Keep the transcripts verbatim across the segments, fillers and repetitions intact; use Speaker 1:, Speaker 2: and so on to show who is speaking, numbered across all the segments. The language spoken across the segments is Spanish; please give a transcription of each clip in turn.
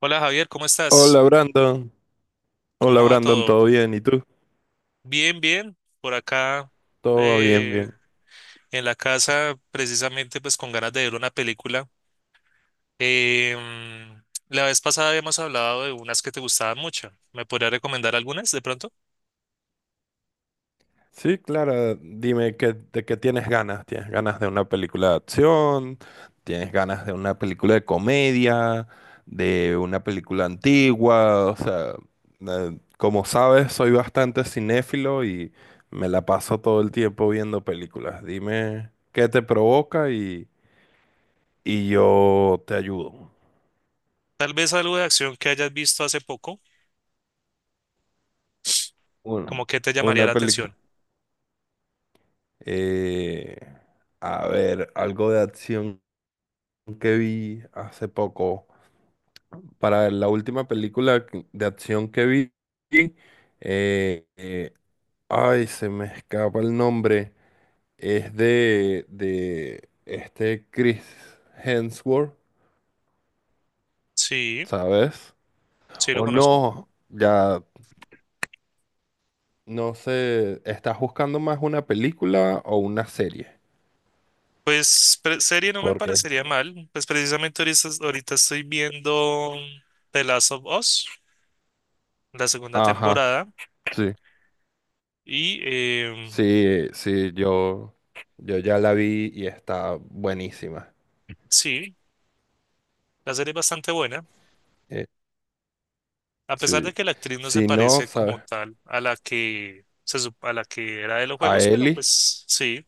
Speaker 1: Hola Javier, ¿cómo estás?
Speaker 2: Hola Brandon, hola
Speaker 1: ¿Cómo va
Speaker 2: Brandon,
Speaker 1: todo?
Speaker 2: ¿todo bien? ¿Y tú?
Speaker 1: Bien, bien. Por acá
Speaker 2: Todo va bien,
Speaker 1: eh,
Speaker 2: bien.
Speaker 1: en la casa, precisamente pues con ganas de ver una película. Eh, mm, la vez pasada habíamos hablado de unas que te gustaban mucho. ¿Me podrías recomendar algunas de pronto?
Speaker 2: Sí, Clara, dime, ¿qué- ¿de qué tienes ganas? ¿Tienes ganas de una película de acción? ¿Tienes ganas de una película de comedia? ¿De una película antigua? O sea, eh, como sabes, soy bastante cinéfilo y me la paso todo el tiempo viendo películas. Dime qué te provoca y, y yo te ayudo.
Speaker 1: Tal vez algo de acción que hayas visto hace poco,
Speaker 2: Bueno,
Speaker 1: como que te llamaría
Speaker 2: una
Speaker 1: la
Speaker 2: película.
Speaker 1: atención.
Speaker 2: Eh, a ver, algo de acción que vi hace poco. Para ver, la última película que- de acción que vi, eh, eh, ay, se me escapa el nombre. Es de, de este Chris Hemsworth,
Speaker 1: Sí,
Speaker 2: ¿sabes?
Speaker 1: sí lo
Speaker 2: O
Speaker 1: conozco.
Speaker 2: no, ya no sé, ¿estás buscando más una película o una serie?
Speaker 1: Pues pre- serie no me
Speaker 2: Porque,
Speaker 1: parecería mal. Pues precisamente ahorita, ahorita estoy viendo The Last of Us, la segunda
Speaker 2: ajá,
Speaker 1: temporada.
Speaker 2: sí.
Speaker 1: Y eh,
Speaker 2: Sí, sí, yo, yo ya la vi y está buenísima.
Speaker 1: sí, la serie es bastante buena,
Speaker 2: Eh,
Speaker 1: a pesar
Speaker 2: sí.
Speaker 1: de que la actriz no se
Speaker 2: Si no,
Speaker 1: parece
Speaker 2: ¿sabes?
Speaker 1: como tal a la que, se, sup- a la que era de los
Speaker 2: A
Speaker 1: juegos, pero
Speaker 2: Eli.
Speaker 1: pues sí,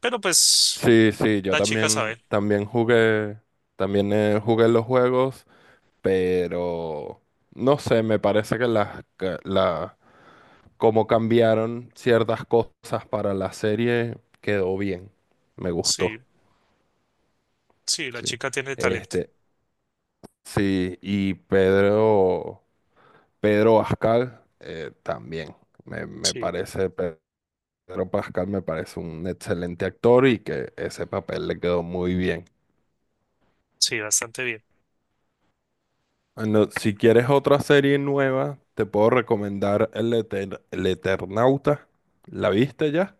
Speaker 1: pero pues
Speaker 2: Sí, sí, yo
Speaker 1: la chica
Speaker 2: también,
Speaker 1: sabe,
Speaker 2: también jugué, también eh, jugué los juegos, pero no sé, me parece que las, que la, como cambiaron ciertas cosas para la serie, quedó bien. Me
Speaker 1: sí,
Speaker 2: gustó.
Speaker 1: sí, la
Speaker 2: Sí.
Speaker 1: chica tiene talento,
Speaker 2: Este, sí, y Pedro. Pedro Pascal eh, también. Me, me
Speaker 1: sí,
Speaker 2: parece, Pedro Pascal me parece un excelente actor y que ese papel le quedó muy bien.
Speaker 1: sí, bastante bien.
Speaker 2: Bueno, si quieres otra serie nueva, te puedo recomendar El, Eter- El Eternauta. ¿La viste ya?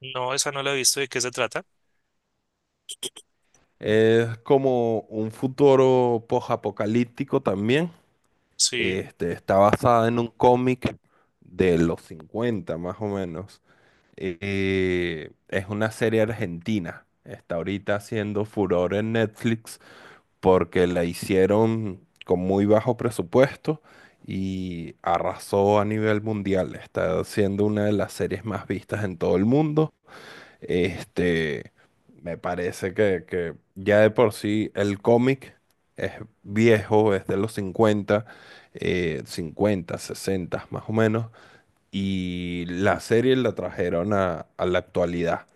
Speaker 1: No, esa no la he visto, de qué se trata,
Speaker 2: Es como un futuro post-apocalíptico también.
Speaker 1: sí,
Speaker 2: Este, está basada en un cómic de los cincuenta más o menos. Eh, es una serie argentina. Está ahorita haciendo furor en Netflix porque la hicieron con muy bajo presupuesto y arrasó a nivel mundial. Está siendo una de las series más vistas en todo el mundo. Este, me parece que, que ya de por sí el cómic es viejo, es de los cincuenta, eh, cincuenta, sesenta más o menos, y la serie la trajeron a, a la actualidad.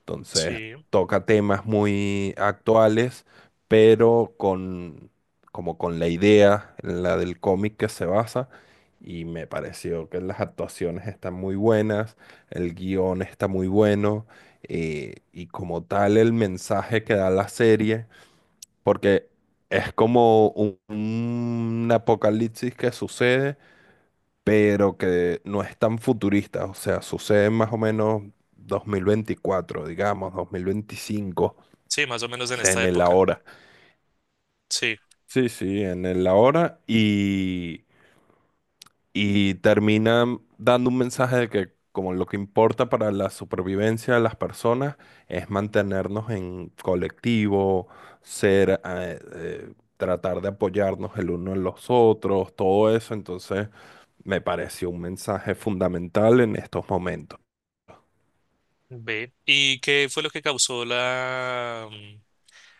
Speaker 2: Entonces
Speaker 1: sí,
Speaker 2: toca temas muy actuales, pero con, como con la idea, la del cómic que se basa. Y me pareció que las actuaciones están muy buenas, el guión está muy bueno, eh, y como tal el mensaje que da la serie, porque es como un un apocalipsis que sucede pero que no es tan futurista, o sea, sucede más o menos dos mil veinticuatro, digamos, dos mil veinticinco,
Speaker 1: sí, más o menos
Speaker 2: o
Speaker 1: en
Speaker 2: sea,
Speaker 1: esta
Speaker 2: en el
Speaker 1: época,
Speaker 2: ahora.
Speaker 1: sí,
Speaker 2: Sí, sí, en el ahora y, y termina dando un mensaje de que como lo que importa para la supervivencia de las personas es mantenernos en colectivo, ser, eh, eh, tratar de apoyarnos el uno en los otros, todo eso, entonces me pareció un mensaje fundamental en estos momentos.
Speaker 1: ve. ¿Y qué fue lo que causó la, mm,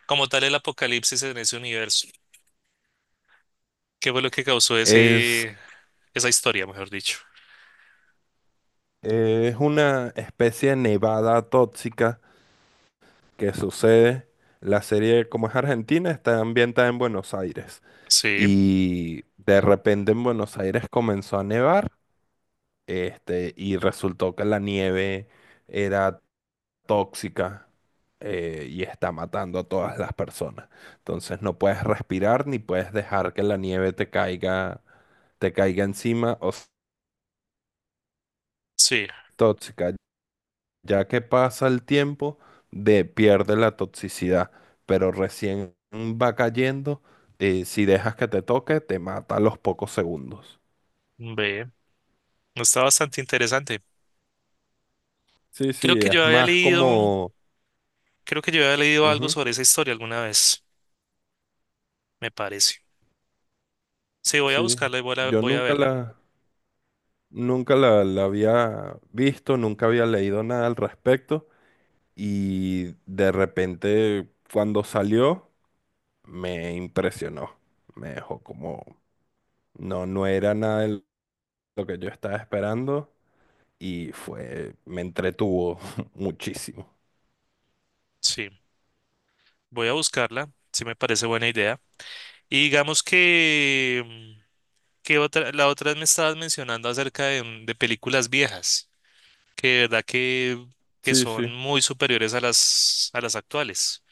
Speaker 1: como tal, el apocalipsis en ese universo? ¿Qué fue lo que causó
Speaker 2: Es,
Speaker 1: ese, esa historia, mejor dicho?
Speaker 2: eh, es una especie de nevada tóxica que sucede. La serie, como es argentina, está ambientada en Buenos Aires.
Speaker 1: Sí,
Speaker 2: Y de repente en Buenos Aires comenzó a nevar, este, y resultó que la nieve era tóxica, eh, y está matando a todas las personas. Entonces no puedes respirar ni puedes dejar que la nieve te caiga, te caiga encima o s-
Speaker 1: sí,
Speaker 2: tóxica. Ya que pasa el tiempo, de, pierde la toxicidad, pero recién va cayendo, eh, si dejas que te toque, te mata a los pocos segundos.
Speaker 1: ve, está bastante interesante.
Speaker 2: Sí,
Speaker 1: Creo
Speaker 2: sí,
Speaker 1: que yo
Speaker 2: es
Speaker 1: había
Speaker 2: más
Speaker 1: leído,
Speaker 2: como...
Speaker 1: Creo que yo había leído algo
Speaker 2: Ujú,
Speaker 1: sobre esa historia alguna vez, me parece. Sí, voy a
Speaker 2: sí,
Speaker 1: buscarla y voy a,
Speaker 2: yo
Speaker 1: voy a
Speaker 2: nunca
Speaker 1: verla.
Speaker 2: la, nunca la, la había visto, nunca había leído nada al respecto y de repente cuando salió me impresionó, me dejó como... No, no era nada de lo que yo estaba esperando y fue, me entretuvo muchísimo.
Speaker 1: Sí, voy a buscarla, sí me parece buena idea. Y digamos que, mm, que otra, la otra me estabas mencionando acerca de, mm, de películas viejas, que de verdad que, que
Speaker 2: Sí, sí.
Speaker 1: son muy superiores a las, a las actuales.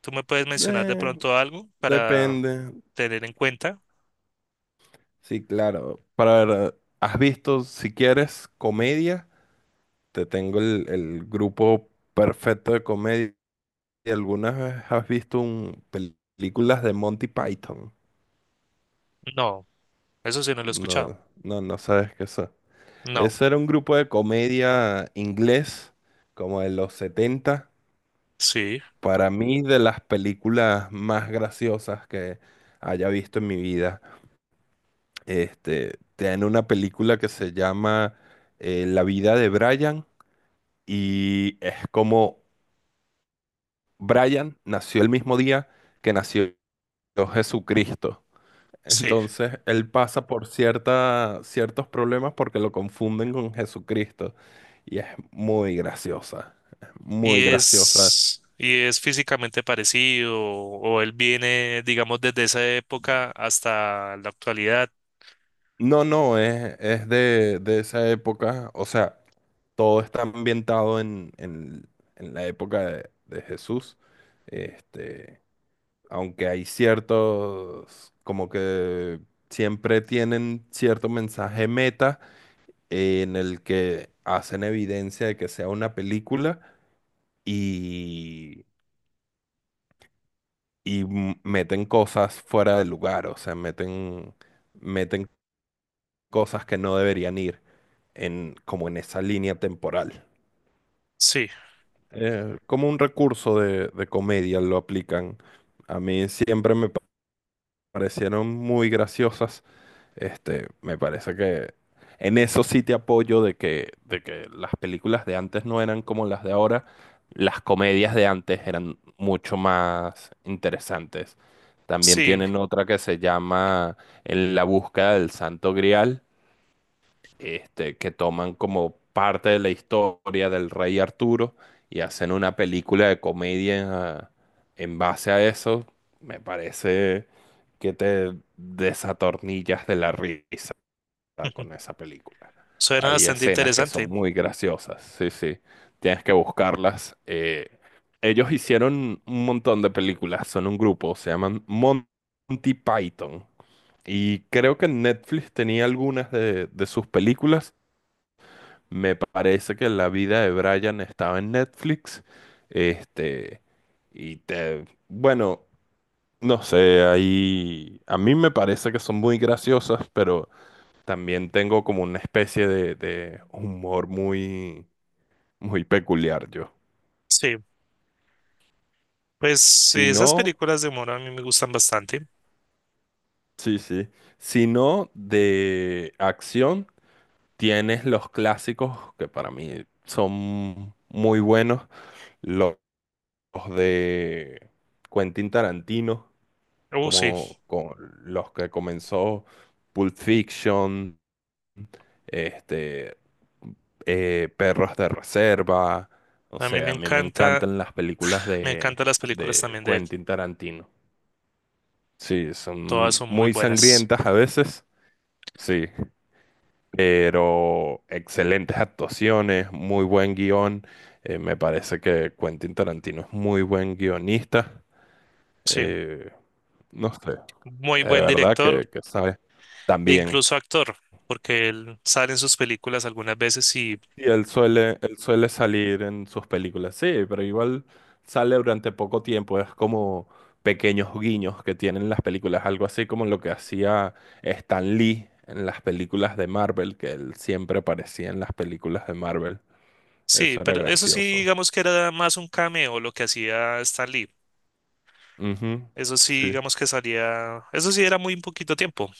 Speaker 1: ¿Tú me puedes mencionar de
Speaker 2: Eh,
Speaker 1: pronto algo para
Speaker 2: depende.
Speaker 1: tener en cuenta?
Speaker 2: Sí, claro. Para ver, ¿has visto, si quieres, comedia? Te tengo el, el grupo perfecto de comedia. ¿Algunas vez has visto un, pel- películas de Monty Python?
Speaker 1: No, eso sí no lo he escuchado.
Speaker 2: No, no, no sabes qué es.
Speaker 1: No,
Speaker 2: Ese era un grupo de comedia inglés, como de los setenta.
Speaker 1: sí,
Speaker 2: Para mí, de las películas más graciosas que haya visto en mi vida, este, tiene una película que se llama, eh, La vida de Brian, y es como Brian nació el mismo día que nació Jesucristo.
Speaker 1: sí.
Speaker 2: Entonces, él pasa por cierta, ciertos problemas porque lo confunden con Jesucristo, y es muy graciosa, es
Speaker 1: Y
Speaker 2: muy graciosa.
Speaker 1: es, y es físicamente parecido, o él viene, digamos, desde esa época hasta la actualidad.
Speaker 2: No, no, es, es de, de esa época, o sea, todo está ambientado en, en- en la época de, de Jesús, este, aunque hay ciertos, como que siempre tienen cierto mensaje meta, eh, en el que hacen evidencia de que sea una película y, y m- meten cosas fuera de lugar, o sea, meten, meten cosas que no deberían ir en, como en esa línea temporal.
Speaker 1: Sí,
Speaker 2: Eh, como un recurso de, de comedia lo aplican. A mí siempre me pa- parecieron muy graciosas. Este, me parece que en eso sí te apoyo de que, de que las películas de antes no eran como las de ahora. Las comedias de antes eran mucho más interesantes. También
Speaker 1: sí.
Speaker 2: tienen otra que se llama En la búsqueda del Santo Grial, este, que toman como parte de la historia del rey Arturo y hacen una película de comedia en, ah, en base a eso, me parece que te desatornillas de la risa con esa película.
Speaker 1: Suena
Speaker 2: Hay
Speaker 1: bastante
Speaker 2: escenas que
Speaker 1: interesante.
Speaker 2: son muy graciosas, sí, sí, tienes que buscarlas. Eh, ellos hicieron un montón de películas, son un grupo, se llaman Monty Python. Y creo que Netflix tenía algunas de de sus películas, me parece que La vida de Brian estaba en Netflix. Este, y te, bueno, no sé, ahí a mí me parece que son muy graciosas, pero también tengo como una especie de, de humor muy, muy peculiar yo.
Speaker 1: Sí, pues
Speaker 2: Si
Speaker 1: esas
Speaker 2: no,
Speaker 1: películas de humor a mí me gustan bastante.
Speaker 2: sí, sí. Si no, de acción, tienes los clásicos que para mí son muy buenos, los de Quentin Tarantino,
Speaker 1: Oh, sí,
Speaker 2: como con los que comenzó, Pulp Fiction, este, eh, Perros de Reserva. O
Speaker 1: a mí me
Speaker 2: sea, a mí me
Speaker 1: encanta,
Speaker 2: encantan las películas
Speaker 1: me
Speaker 2: de,
Speaker 1: encantan las películas
Speaker 2: de
Speaker 1: también de él.
Speaker 2: Quentin Tarantino. Sí,
Speaker 1: Todas
Speaker 2: son
Speaker 1: son muy
Speaker 2: muy
Speaker 1: buenas.
Speaker 2: sangrientas a veces, sí, pero excelentes actuaciones, muy buen guión. Eh, me parece que Quentin Tarantino es muy buen guionista.
Speaker 1: Sí,
Speaker 2: Eh, no sé,
Speaker 1: muy
Speaker 2: de
Speaker 1: buen
Speaker 2: verdad
Speaker 1: director
Speaker 2: que, que sabe.
Speaker 1: e
Speaker 2: También.
Speaker 1: incluso actor, porque él sale en sus películas algunas veces y
Speaker 2: Y él suele, él suele salir en sus películas, sí, pero igual sale durante poco tiempo, es como pequeños guiños que tienen las películas, algo así como lo que hacía Stan Lee en las películas de Marvel, que él siempre aparecía en las películas de Marvel,
Speaker 1: sí,
Speaker 2: eso era
Speaker 1: pero eso sí,
Speaker 2: gracioso.
Speaker 1: digamos que era más un cameo lo que hacía Stan Lee.
Speaker 2: Ujú,
Speaker 1: Eso sí,
Speaker 2: sí,
Speaker 1: digamos que salía, eso sí era muy poquito tiempo,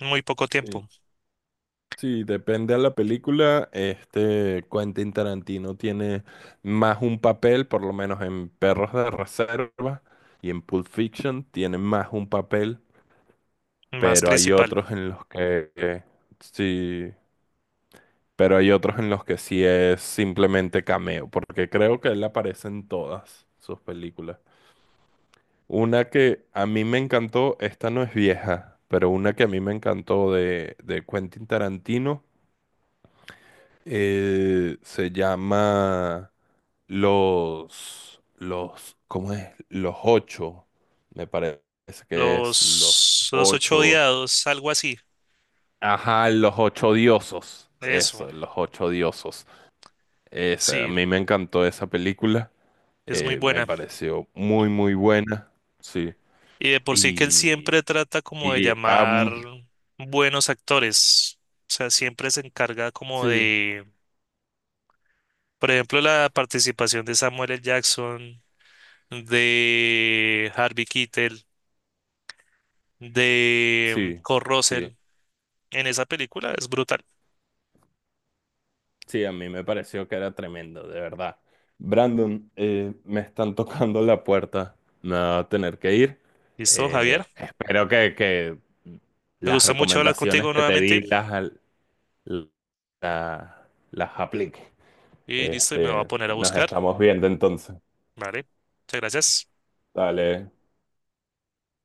Speaker 1: muy poco
Speaker 2: sí.
Speaker 1: tiempo,
Speaker 2: Sí, depende a la película. Este Quentin Tarantino tiene más un papel, por lo menos en Perros de Reserva y en Pulp Fiction tiene más un papel,
Speaker 1: más
Speaker 2: pero hay
Speaker 1: principal.
Speaker 2: otros en los que que sí, pero hay otros en los que sí es simplemente cameo, porque creo que él aparece en todas sus películas. Una que a mí me encantó, esta no es vieja, pero una que a mí me encantó de, de Quentin Tarantino. Eh, se llama los, los, ¿cómo es? Los ocho. Me parece que es los
Speaker 1: Los, los ocho
Speaker 2: ocho.
Speaker 1: odiados, algo así,
Speaker 2: Ajá, los ocho diosos.
Speaker 1: eso,
Speaker 2: Eso, los ocho diosos. Esa, a
Speaker 1: sí,
Speaker 2: mí me encantó esa película.
Speaker 1: es muy
Speaker 2: Eh, me
Speaker 1: buena.
Speaker 2: pareció muy, muy buena. Sí.
Speaker 1: Y de por sí que él
Speaker 2: Y,
Speaker 1: siempre trata como de
Speaker 2: y
Speaker 1: llamar
Speaker 2: am-
Speaker 1: buenos actores. O sea, siempre se encarga como
Speaker 2: sí,
Speaker 1: de, por ejemplo, la participación de Samuel L. Jackson, de Harvey Keitel, de
Speaker 2: sí,
Speaker 1: Kurt
Speaker 2: sí.
Speaker 1: Russell en esa película. Es brutal.
Speaker 2: Sí, a mí me pareció que era tremendo, de verdad. Brandon, eh, me están tocando la puerta. Me va a tener que ir.
Speaker 1: ¿Listo, Javier?
Speaker 2: Eh, espero que, que
Speaker 1: Me
Speaker 2: las
Speaker 1: gusta mucho hablar
Speaker 2: recomendaciones
Speaker 1: contigo
Speaker 2: que te
Speaker 1: nuevamente.
Speaker 2: di las, la- las aplique.
Speaker 1: Y listo, y me voy a
Speaker 2: Este,
Speaker 1: poner a
Speaker 2: nos
Speaker 1: buscar.
Speaker 2: estamos viendo entonces.
Speaker 1: Vale. Muchas gracias.
Speaker 2: Dale.